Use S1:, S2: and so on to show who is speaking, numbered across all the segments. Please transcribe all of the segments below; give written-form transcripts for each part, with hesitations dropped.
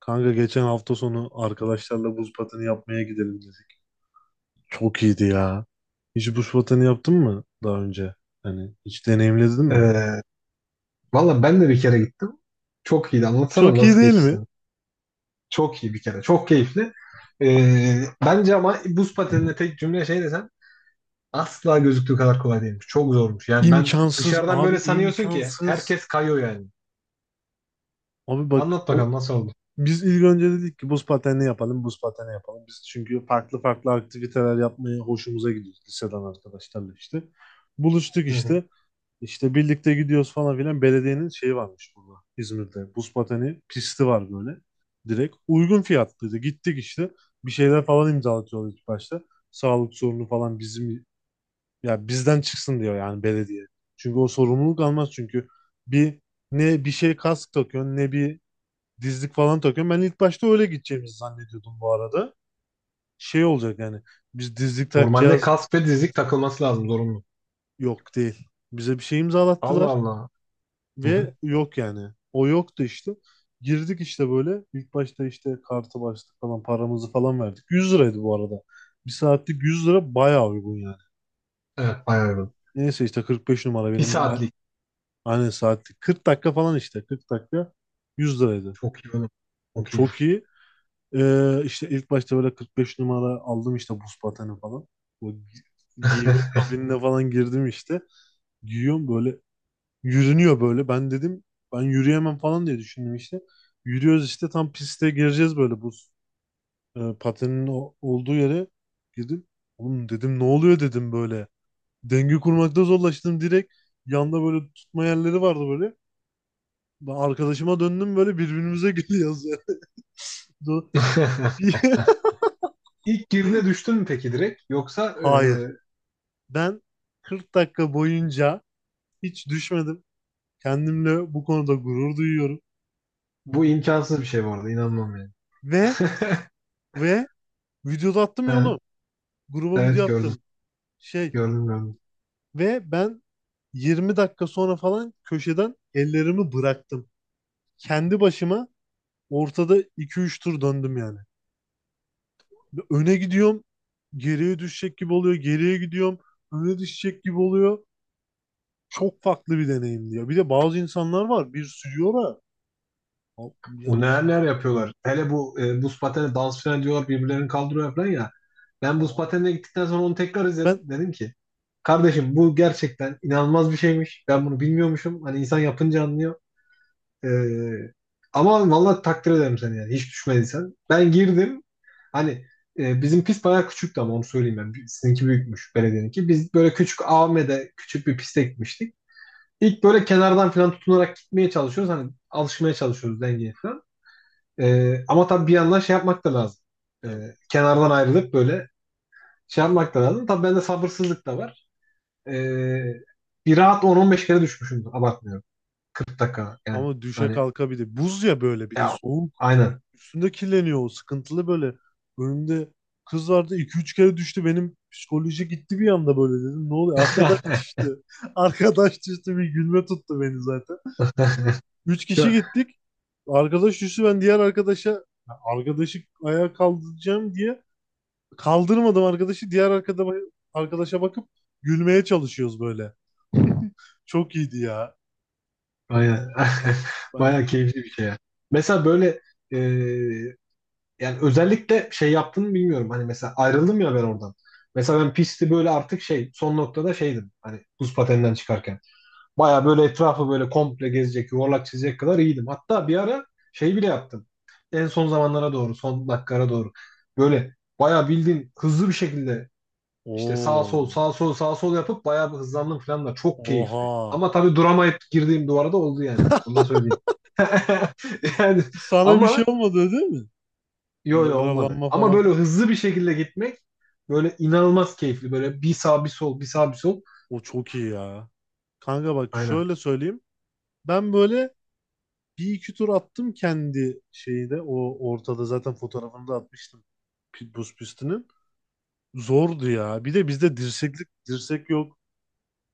S1: Kanka geçen hafta sonu arkadaşlarla buz pateni yapmaya gidelim dedik. Çok iyiydi ya. Hiç buz pateni yaptın mı daha önce? Hani hiç deneyimledin mi?
S2: Ee, Valla ben de bir kere gittim. Çok iyiydi. Anlatsana
S1: Çok iyi
S2: nasıl
S1: değil
S2: geçti
S1: mi?
S2: senin? Çok iyi bir kere. Çok keyifli. Bence ama buz pateninde tek cümle şey desem asla gözüktüğü kadar kolay değilmiş. Çok zormuş. Yani ben
S1: İmkansız
S2: dışarıdan
S1: abi,
S2: böyle sanıyorsun ki
S1: imkansız.
S2: herkes kayıyor yani.
S1: Abi bak,
S2: Anlat bakalım nasıl oldu?
S1: biz ilk önce dedik ki buz pateni yapalım, buz pateni yapalım. Biz çünkü farklı farklı aktiviteler yapmaya hoşumuza gidiyor liseden arkadaşlarla işte. Buluştuk
S2: Hı hı.
S1: işte. İşte birlikte gidiyoruz falan filan. Belediyenin şeyi varmış burada İzmir'de. Buz pateni pisti var böyle. Direkt uygun fiyatlıydı. Gittik işte. Bir şeyler falan imzalatıyorlar ilk başta. Sağlık sorunu falan bizim, ya bizden çıksın diyor yani belediye. Çünkü o sorumluluk almaz çünkü bir ne bir şey kask takıyorsun ne bir dizlik falan takıyorsun. Ben ilk başta öyle gideceğimizi zannediyordum bu arada. Şey olacak yani biz dizlik
S2: Normalde
S1: takacağız.
S2: kask ve dizlik takılması lazım zorunlu.
S1: Yok değil. Bize bir şey
S2: Allah
S1: imzalattılar.
S2: Allah. Hı hı.
S1: Ve yok yani. O yoktu işte. Girdik işte böyle. İlk başta işte kartı bastık falan, paramızı falan verdik. 100 liraydı bu arada. Bir saatlik 100 lira, bayağı uygun yani.
S2: Evet, bayağı uygun.
S1: Neyse işte 45 numara
S2: Bir
S1: benim,
S2: saatlik.
S1: aynen saatlik. 40 dakika falan işte. 40 dakika 100 liraydı.
S2: Çok iyi oğlum.
S1: Oğlum
S2: Çok
S1: çok
S2: iyiymiş.
S1: iyi. İşte ilk başta böyle 45 numara aldım işte buz pateni falan. Bu gi- giyme kabinine falan girdim işte. Giyiyorum böyle. Yürünüyor böyle. Ben dedim ben yürüyemem falan diye düşündüm işte. Yürüyoruz işte, tam piste gireceğiz böyle, bu patenin olduğu yere girdim. Oğlum dedim, ne oluyor dedim böyle. Denge kurmakta zorlaştım direkt. Yanda böyle tutma yerleri vardı böyle. Ben arkadaşıma döndüm, böyle birbirimize gülüyoruz yani. Do- Bir-
S2: İlk girdiğinde düştün mü peki direkt?
S1: Hayır. Ben 40 dakika boyunca hiç düşmedim. Kendimle bu konuda gurur duyuyorum.
S2: Bu imkansız bir şey bu arada. İnanmam yani.
S1: Ve ve videoda attım ya
S2: Ha,
S1: oğlum. Gruba video
S2: evet gördüm.
S1: attım, şey
S2: Gördüm gördüm.
S1: ve ben 20 dakika sonra falan köşeden ellerimi bıraktım. Kendi başıma ortada iki üç tur döndüm yani. Öne gidiyorum, geriye düşecek gibi oluyor, geriye gidiyorum, öne düşecek gibi oluyor. Çok farklı bir deneyim diyor. Bir de bazı insanlar var, bir sürüyor da a-
S2: O
S1: yani
S2: neler neler yapıyorlar. Hele bu buz pateni dans falan diyorlar birbirlerini kaldırıyor falan ya. Ben buz
S1: abi.
S2: patenine gittikten sonra onu tekrar izledim.
S1: Ben
S2: Dedim ki kardeşim bu gerçekten inanılmaz bir şeymiş. Ben bunu bilmiyormuşum. Hani insan yapınca anlıyor. Ee, Ama vallahi takdir ederim seni yani. Hiç düşmediysen. Ben girdim. Hani bizim pist bayağı küçüktü ama onu söyleyeyim ben. Sizinki büyükmüş belediyeninki. Biz böyle küçük AVM'de küçük bir piste gitmiştik. İlk böyle kenardan falan tutunarak gitmeye çalışıyoruz. Hani alışmaya çalışıyoruz dengeye falan. Ama tabii bir yandan şey yapmak da lazım.
S1: yani,
S2: Kenardan ayrılıp böyle şey yapmak da lazım. Tabii bende sabırsızlık da var. Ee, Bir rahat 10-15 kere düşmüşümdür. Abartmıyorum. 40 dakika yani.
S1: ama düşe
S2: Hani
S1: kalka, bir de buz ya, böyle bir de
S2: ya
S1: soğuk.
S2: aynen.
S1: Üstünde kirleniyor, o sıkıntılı böyle. Önümde kız vardı, iki üç kere düştü, benim psikoloji gitti bir anda, böyle dedim, ne oluyor? Arkadaş düştü. Arkadaş düştü, bir gülme tuttu beni zaten. Üç kişi
S2: Çok-
S1: gittik. Arkadaş düştü, ben diğer arkadaşa, ya arkadaşı ayağa kaldıracağım diye kaldırmadım arkadaşı. Arkadaşa bakıp gülmeye çalışıyoruz böyle. Çok iyiydi ya.
S2: Aynen.
S1: Ben
S2: Bayağı keyifli bir şey ya. Mesela böyle e, yani özellikle şey yaptığını bilmiyorum. Hani mesela ayrıldım ya ben oradan. Mesela ben pisti böyle artık şey son noktada şeydim. Hani buz pateninden çıkarken. Bayağı böyle etrafı böyle komple gezecek, yuvarlak çizecek kadar iyiydim. Hatta bir ara şey bile yaptım. En son zamanlara doğru, son dakikalara doğru. Böyle bayağı bildiğin hızlı bir şekilde İşte sağ
S1: o
S2: sol sağ sol sağ sol yapıp bayağı bir hızlandım falan da çok keyifli.
S1: Oha,
S2: Ama tabii duramayıp girdiğim duvara da oldu yani. Onu da söyleyeyim. Yani
S1: sana bir şey
S2: ama
S1: olmadı değil mi?
S2: yo
S1: Bir
S2: yo olmadı.
S1: yaralanma
S2: Ama
S1: falan.
S2: böyle hızlı bir şekilde gitmek böyle inanılmaz keyifli. Böyle bir sağ bir sol bir sağ bir sol.
S1: O çok iyi ya. Kanka bak
S2: Aynen.
S1: şöyle söyleyeyim. Ben böyle bir iki tur attım kendi şeyde. O ortada zaten fotoğrafını da atmıştım. Buz pistinin. Zordu ya. Bir de bizde dirsek yok.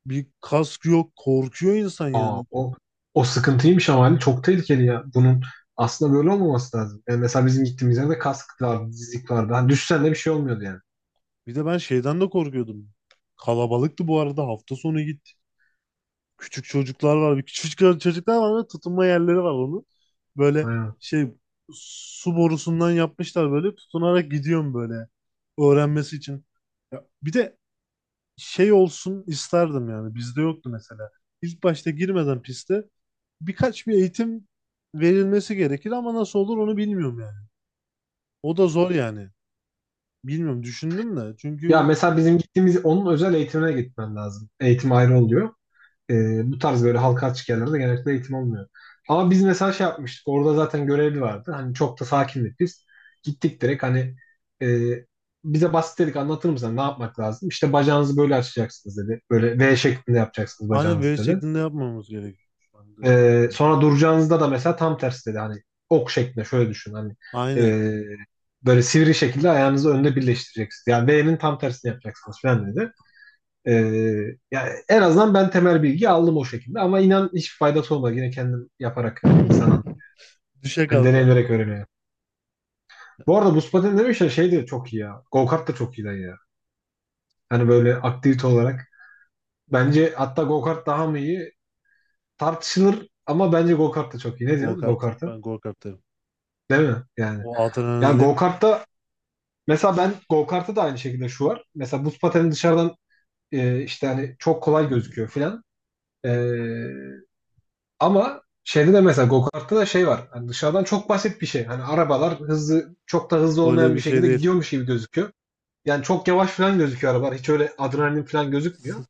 S1: Bir kask yok. Korkuyor insan
S2: Aa,
S1: yani.
S2: o sıkıntıymış ama hani çok tehlikeli ya. Bunun aslında böyle olmaması lazım. Yani mesela bizim gittiğimiz yerde kask vardı, dizlik vardı. Hani düşsen de bir şey olmuyordu yani.
S1: Bir de ben şeyden de korkuyordum. Kalabalıktı bu arada. Hafta sonu gittik. Küçük çocuklar var. Bir küçük çocuklar var ve tutunma yerleri var onun. Böyle
S2: Aynen.
S1: şey, su borusundan yapmışlar, böyle tutunarak gidiyorum böyle, öğrenmesi için. Ya, bir de şey olsun isterdim yani, bizde yoktu mesela. İlk başta girmeden piste birkaç bir eğitim verilmesi gerekir ama nasıl olur onu bilmiyorum yani. O da zor yani. Bilmiyorum, düşündüm de
S2: Ya
S1: çünkü
S2: mesela bizim gittiğimiz onun özel eğitimine gitmen lazım. Eğitim ayrı oluyor. E, bu tarz böyle halka açık yerlerde genellikle eğitim olmuyor. Ama biz mesela şey yapmıştık. Orada zaten görevli vardı. Hani çok da sakindik biz. Gittik direkt hani e, bize basit dedik anlatır mısın ne yapmak lazım? İşte bacağınızı böyle açacaksınız dedi. Böyle V şeklinde yapacaksınız
S1: aynen
S2: bacağınızı
S1: V
S2: dedi.
S1: şeklinde yapmamız gerekiyor şu anda.
S2: E, sonra duracağınızda da mesela tam tersi dedi. Hani ok şeklinde şöyle düşün hani e,
S1: Aynen.
S2: böyle sivri şekilde ayağınızı önde birleştireceksiniz. Yani V'nin tam tersini yapacaksınız falan dedi. Ee, Yani en azından ben temel bilgi aldım o şekilde ama inan hiç faydası olmadı. Yine kendim yaparak hani insanın
S1: Düşe
S2: hani
S1: kalka.
S2: deneyimlerek öğreniyor. Bu arada buz pateni demişler şey de çok iyi ya. Go kart da çok iyi lan ya. Hani böyle aktivite olarak. Bence hatta go kart daha mı iyi tartışılır ama bence go kart da çok iyi. Ne
S1: Go
S2: diyorsun go
S1: kart.
S2: kart'a?
S1: Ben go kart derim.
S2: Değil mi? Yani.
S1: O
S2: Yani
S1: adrenalin
S2: go kart'ta mesela ben go kart'ta da aynı şekilde şu var. Mesela buz pateni dışarıdan işte hani çok kolay gözüküyor filan. E, Ama şeyde de mesela go-kart'ta da şey var. Hani dışarıdan çok basit bir şey. Hani arabalar hızlı çok da hızlı
S1: öyle
S2: olmayan bir
S1: bir şey
S2: şekilde
S1: değil.
S2: gidiyormuş gibi gözüküyor. Yani çok yavaş falan gözüküyor arabalar. Hiç öyle adrenalin falan gözükmüyor.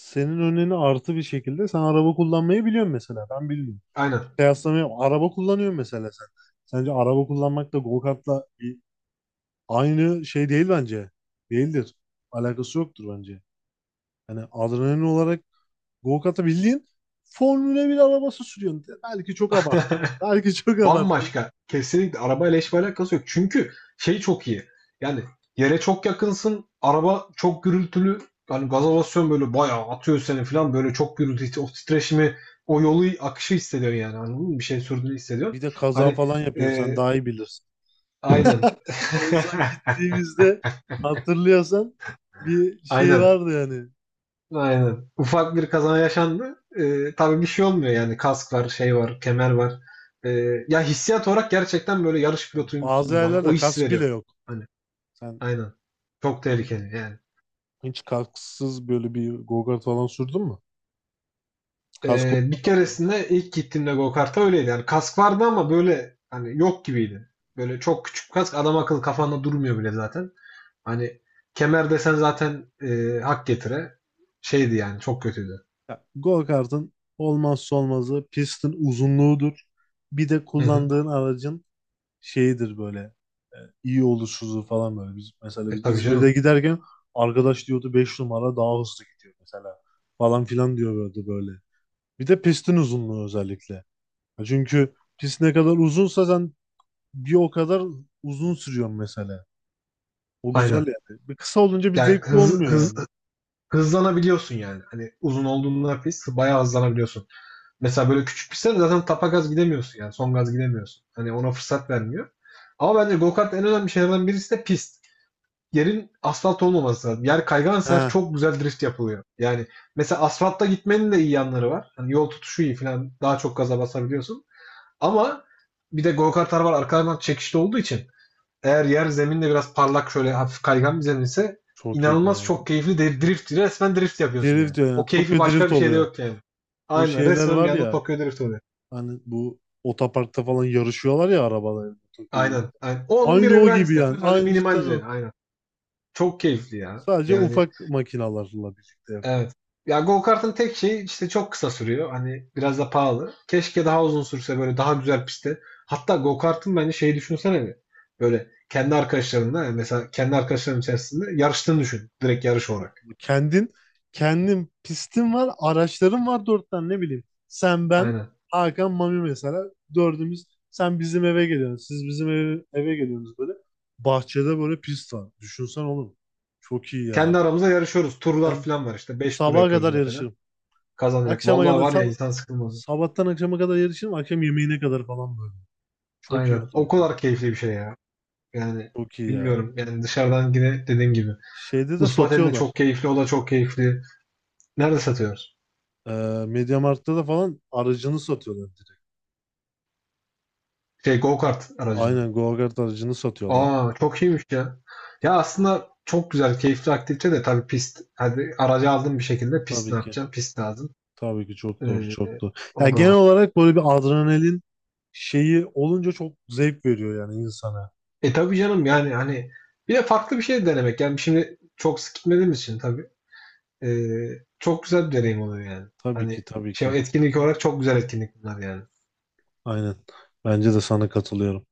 S1: Senin önüne artı bir şekilde sen araba kullanmayı biliyorsun mesela. Ben bilmiyorum.
S2: Aynen.
S1: Kıyaslamıyorum. Araba kullanıyorsun mesela sen. Sence araba kullanmak da go kartla aynı şey değil bence. Değildir. Alakası yoktur bence. Yani adrenalin olarak go kartı bildiğin Formula 1 arabası sürüyorsun. Belki çok abarttım. Belki çok abarttım.
S2: Bambaşka. Kesinlikle arabayla hiçbir alakası yok. Çünkü şey çok iyi. Yani yere çok yakınsın. Araba çok gürültülü. Yani gaza basıyorsun böyle bayağı atıyor seni falan. Böyle çok gürültü, o titreşimi, o yolu akışı hissediyorsun yani. Anladın mı? Bir şey sürdüğünü hissediyorsun.
S1: Bir de kaza
S2: Hani
S1: falan yapıyorsun,
S2: e,
S1: sen daha iyi bilirsin.
S2: aynen.
S1: En son gittiğimizde hatırlıyorsan, bir şey
S2: Aynen.
S1: vardı yani.
S2: Aynen. Ufak bir kaza yaşandı. Tabii bir şey olmuyor yani. Kask var, şey var, kemer var. Ee, Ya hissiyat olarak gerçekten böyle yarış
S1: Ya
S2: pilotuymuşsun
S1: bazı
S2: gibi. Hani o
S1: yerlerde
S2: his
S1: kask bile
S2: veriyor.
S1: yok.
S2: Hani
S1: Sen
S2: aynen. Çok
S1: yani
S2: tehlikeli yani.
S1: hiç kasksız böyle bir go-kart falan sürdün mü? Kask
S2: Bir
S1: olmadan böyle.
S2: keresinde ilk gittiğimde go-kart'a öyleydi. Yani kask vardı ama böyle hani yok gibiydi. Böyle çok küçük kask adam akıllı kafanda durmuyor bile zaten. Hani kemer desen zaten hak getire. Şeydi yani çok kötüydü.
S1: Go-kart'ın olmazsa olmazı pistin uzunluğudur. Bir de
S2: Hı hı.
S1: kullandığın aracın şeyidir böyle, e, iyi oluşuzu falan böyle. Biz, mesela
S2: E
S1: biz
S2: tabii
S1: İzmir'de
S2: canım.
S1: giderken arkadaş diyordu 5 numara daha hızlı gidiyor mesela, falan filan diyordu böyle. Bir de pistin uzunluğu özellikle. Ya, çünkü pist ne kadar uzunsa sen bir o kadar uzun sürüyorsun mesela. O güzel
S2: Aynen.
S1: yani. Bir kısa olunca bir
S2: Yani
S1: zevkli olmuyor
S2: hız,
S1: yani.
S2: hızlanabiliyorsun yani. Hani uzun olduğunda pist bayağı hızlanabiliyorsun. Mesela böyle küçük pistlerde zaten tapa gaz gidemiyorsun yani. Son gaz gidemiyorsun. Hani ona fırsat vermiyor. Ama bence go-kart en önemli şeylerden birisi de pist. Yerin asfalt olmaması lazım. Yer kaygansa her
S1: He,
S2: çok güzel drift yapılıyor. Yani mesela asfaltta gitmenin de iyi yanları var. Hani yol tutuşu iyi falan daha çok gaza basabiliyorsun. Ama bir de go-kartlar var arkalarından çekişli olduğu için eğer yer zeminde biraz parlak şöyle hafif kaygan bir zemin ise
S1: çok iyi
S2: inanılmaz
S1: kaya.
S2: çok keyifli de drift. Resmen drift yapıyorsun
S1: Drift
S2: yani.
S1: diyor
S2: O
S1: yani.
S2: keyfi
S1: Tokyo
S2: başka
S1: Drift
S2: bir şeyde
S1: oluyor.
S2: yok yani.
S1: Bu
S2: Aynen
S1: şeyler
S2: resmen bir
S1: var
S2: anda
S1: ya,
S2: Tokyo Drift oluyor.
S1: hani bu otoparkta falan yarışıyorlar ya arabalar. Tokyo Drift.
S2: Aynen. Aynen. O onun bir
S1: Aynı o
S2: evren
S1: gibi
S2: aynısı.
S1: yani.
S2: Sadece
S1: Aynı
S2: minimal
S1: cidden
S2: düzeyde.
S1: o.
S2: Aynen. Çok keyifli ya.
S1: Sadece
S2: Yani
S1: ufak makinalarla birlikte yapıyor.
S2: evet. Ya go kartın tek şeyi işte çok kısa sürüyor. Hani biraz da pahalı. Keşke daha uzun sürse böyle daha güzel pistte. Hatta go kartın bence şeyi düşünsene bir. Böyle kendi arkadaşlarınla yani mesela kendi arkadaşların içerisinde yarıştığını düşün. Direkt yarış olarak.
S1: Kendin kendin pistin var, araçların var, dört tane ne bileyim. Sen, ben,
S2: Aynen.
S1: Hakan, Mami mesela, dördümüz, sen bizim eve geliyorsun. Siz bizim eve geliyorsunuz böyle. Bahçede böyle pist var. Düşünsen oğlum. Çok iyi ya.
S2: Kendi aramızda yarışıyoruz. Turlar
S1: Ben
S2: falan var işte. 5 tur
S1: sabaha
S2: yapıyoruz
S1: kadar
S2: mesela.
S1: yarışırım.
S2: Kazanacak.
S1: Akşama
S2: Vallahi
S1: kadar
S2: var ya insan sıkılmadı.
S1: sabahtan akşama kadar yarışırım. Akşam yemeğine kadar falan böyle. Çok iyi
S2: Aynen.
S1: olur
S2: O
S1: bu.
S2: kadar keyifli bir şey ya. Yani
S1: Çok iyi ya.
S2: bilmiyorum. Yani dışarıdan yine dediğim gibi.
S1: Şeyde de
S2: Ispartel'in de
S1: satıyorlar.
S2: çok keyifli. O da çok keyifli. Nerede satıyoruz?
S1: Ee, MediaMarkt'ta da falan aracını satıyorlar direkt.
S2: Şey go-kart aracını.
S1: Aynen go-kart aracını satıyorlar.
S2: Aa çok iyiymiş ya. Ya aslında çok güzel, keyifli aktivite de tabii pist. Hadi aracı aldın bir şekilde pist
S1: Tabii
S2: ne
S1: ki.
S2: yapacaksın? Pist lazım.
S1: Tabii ki çok doğru,
S2: Ee,
S1: çok doğru.
S2: O
S1: Yani
S2: da
S1: genel
S2: var.
S1: olarak böyle bir adrenalin şeyi olunca çok zevk veriyor yani insana.
S2: E tabii canım yani hani bir de farklı bir şey denemek. Yani şimdi çok sık gitmediğimiz için tabii. Çok güzel bir deneyim oluyor yani.
S1: Tabii ki,
S2: Hani
S1: tabii ki.
S2: şey etkinlik olarak çok güzel etkinlik bunlar yani.
S1: Aynen. Bence de sana katılıyorum.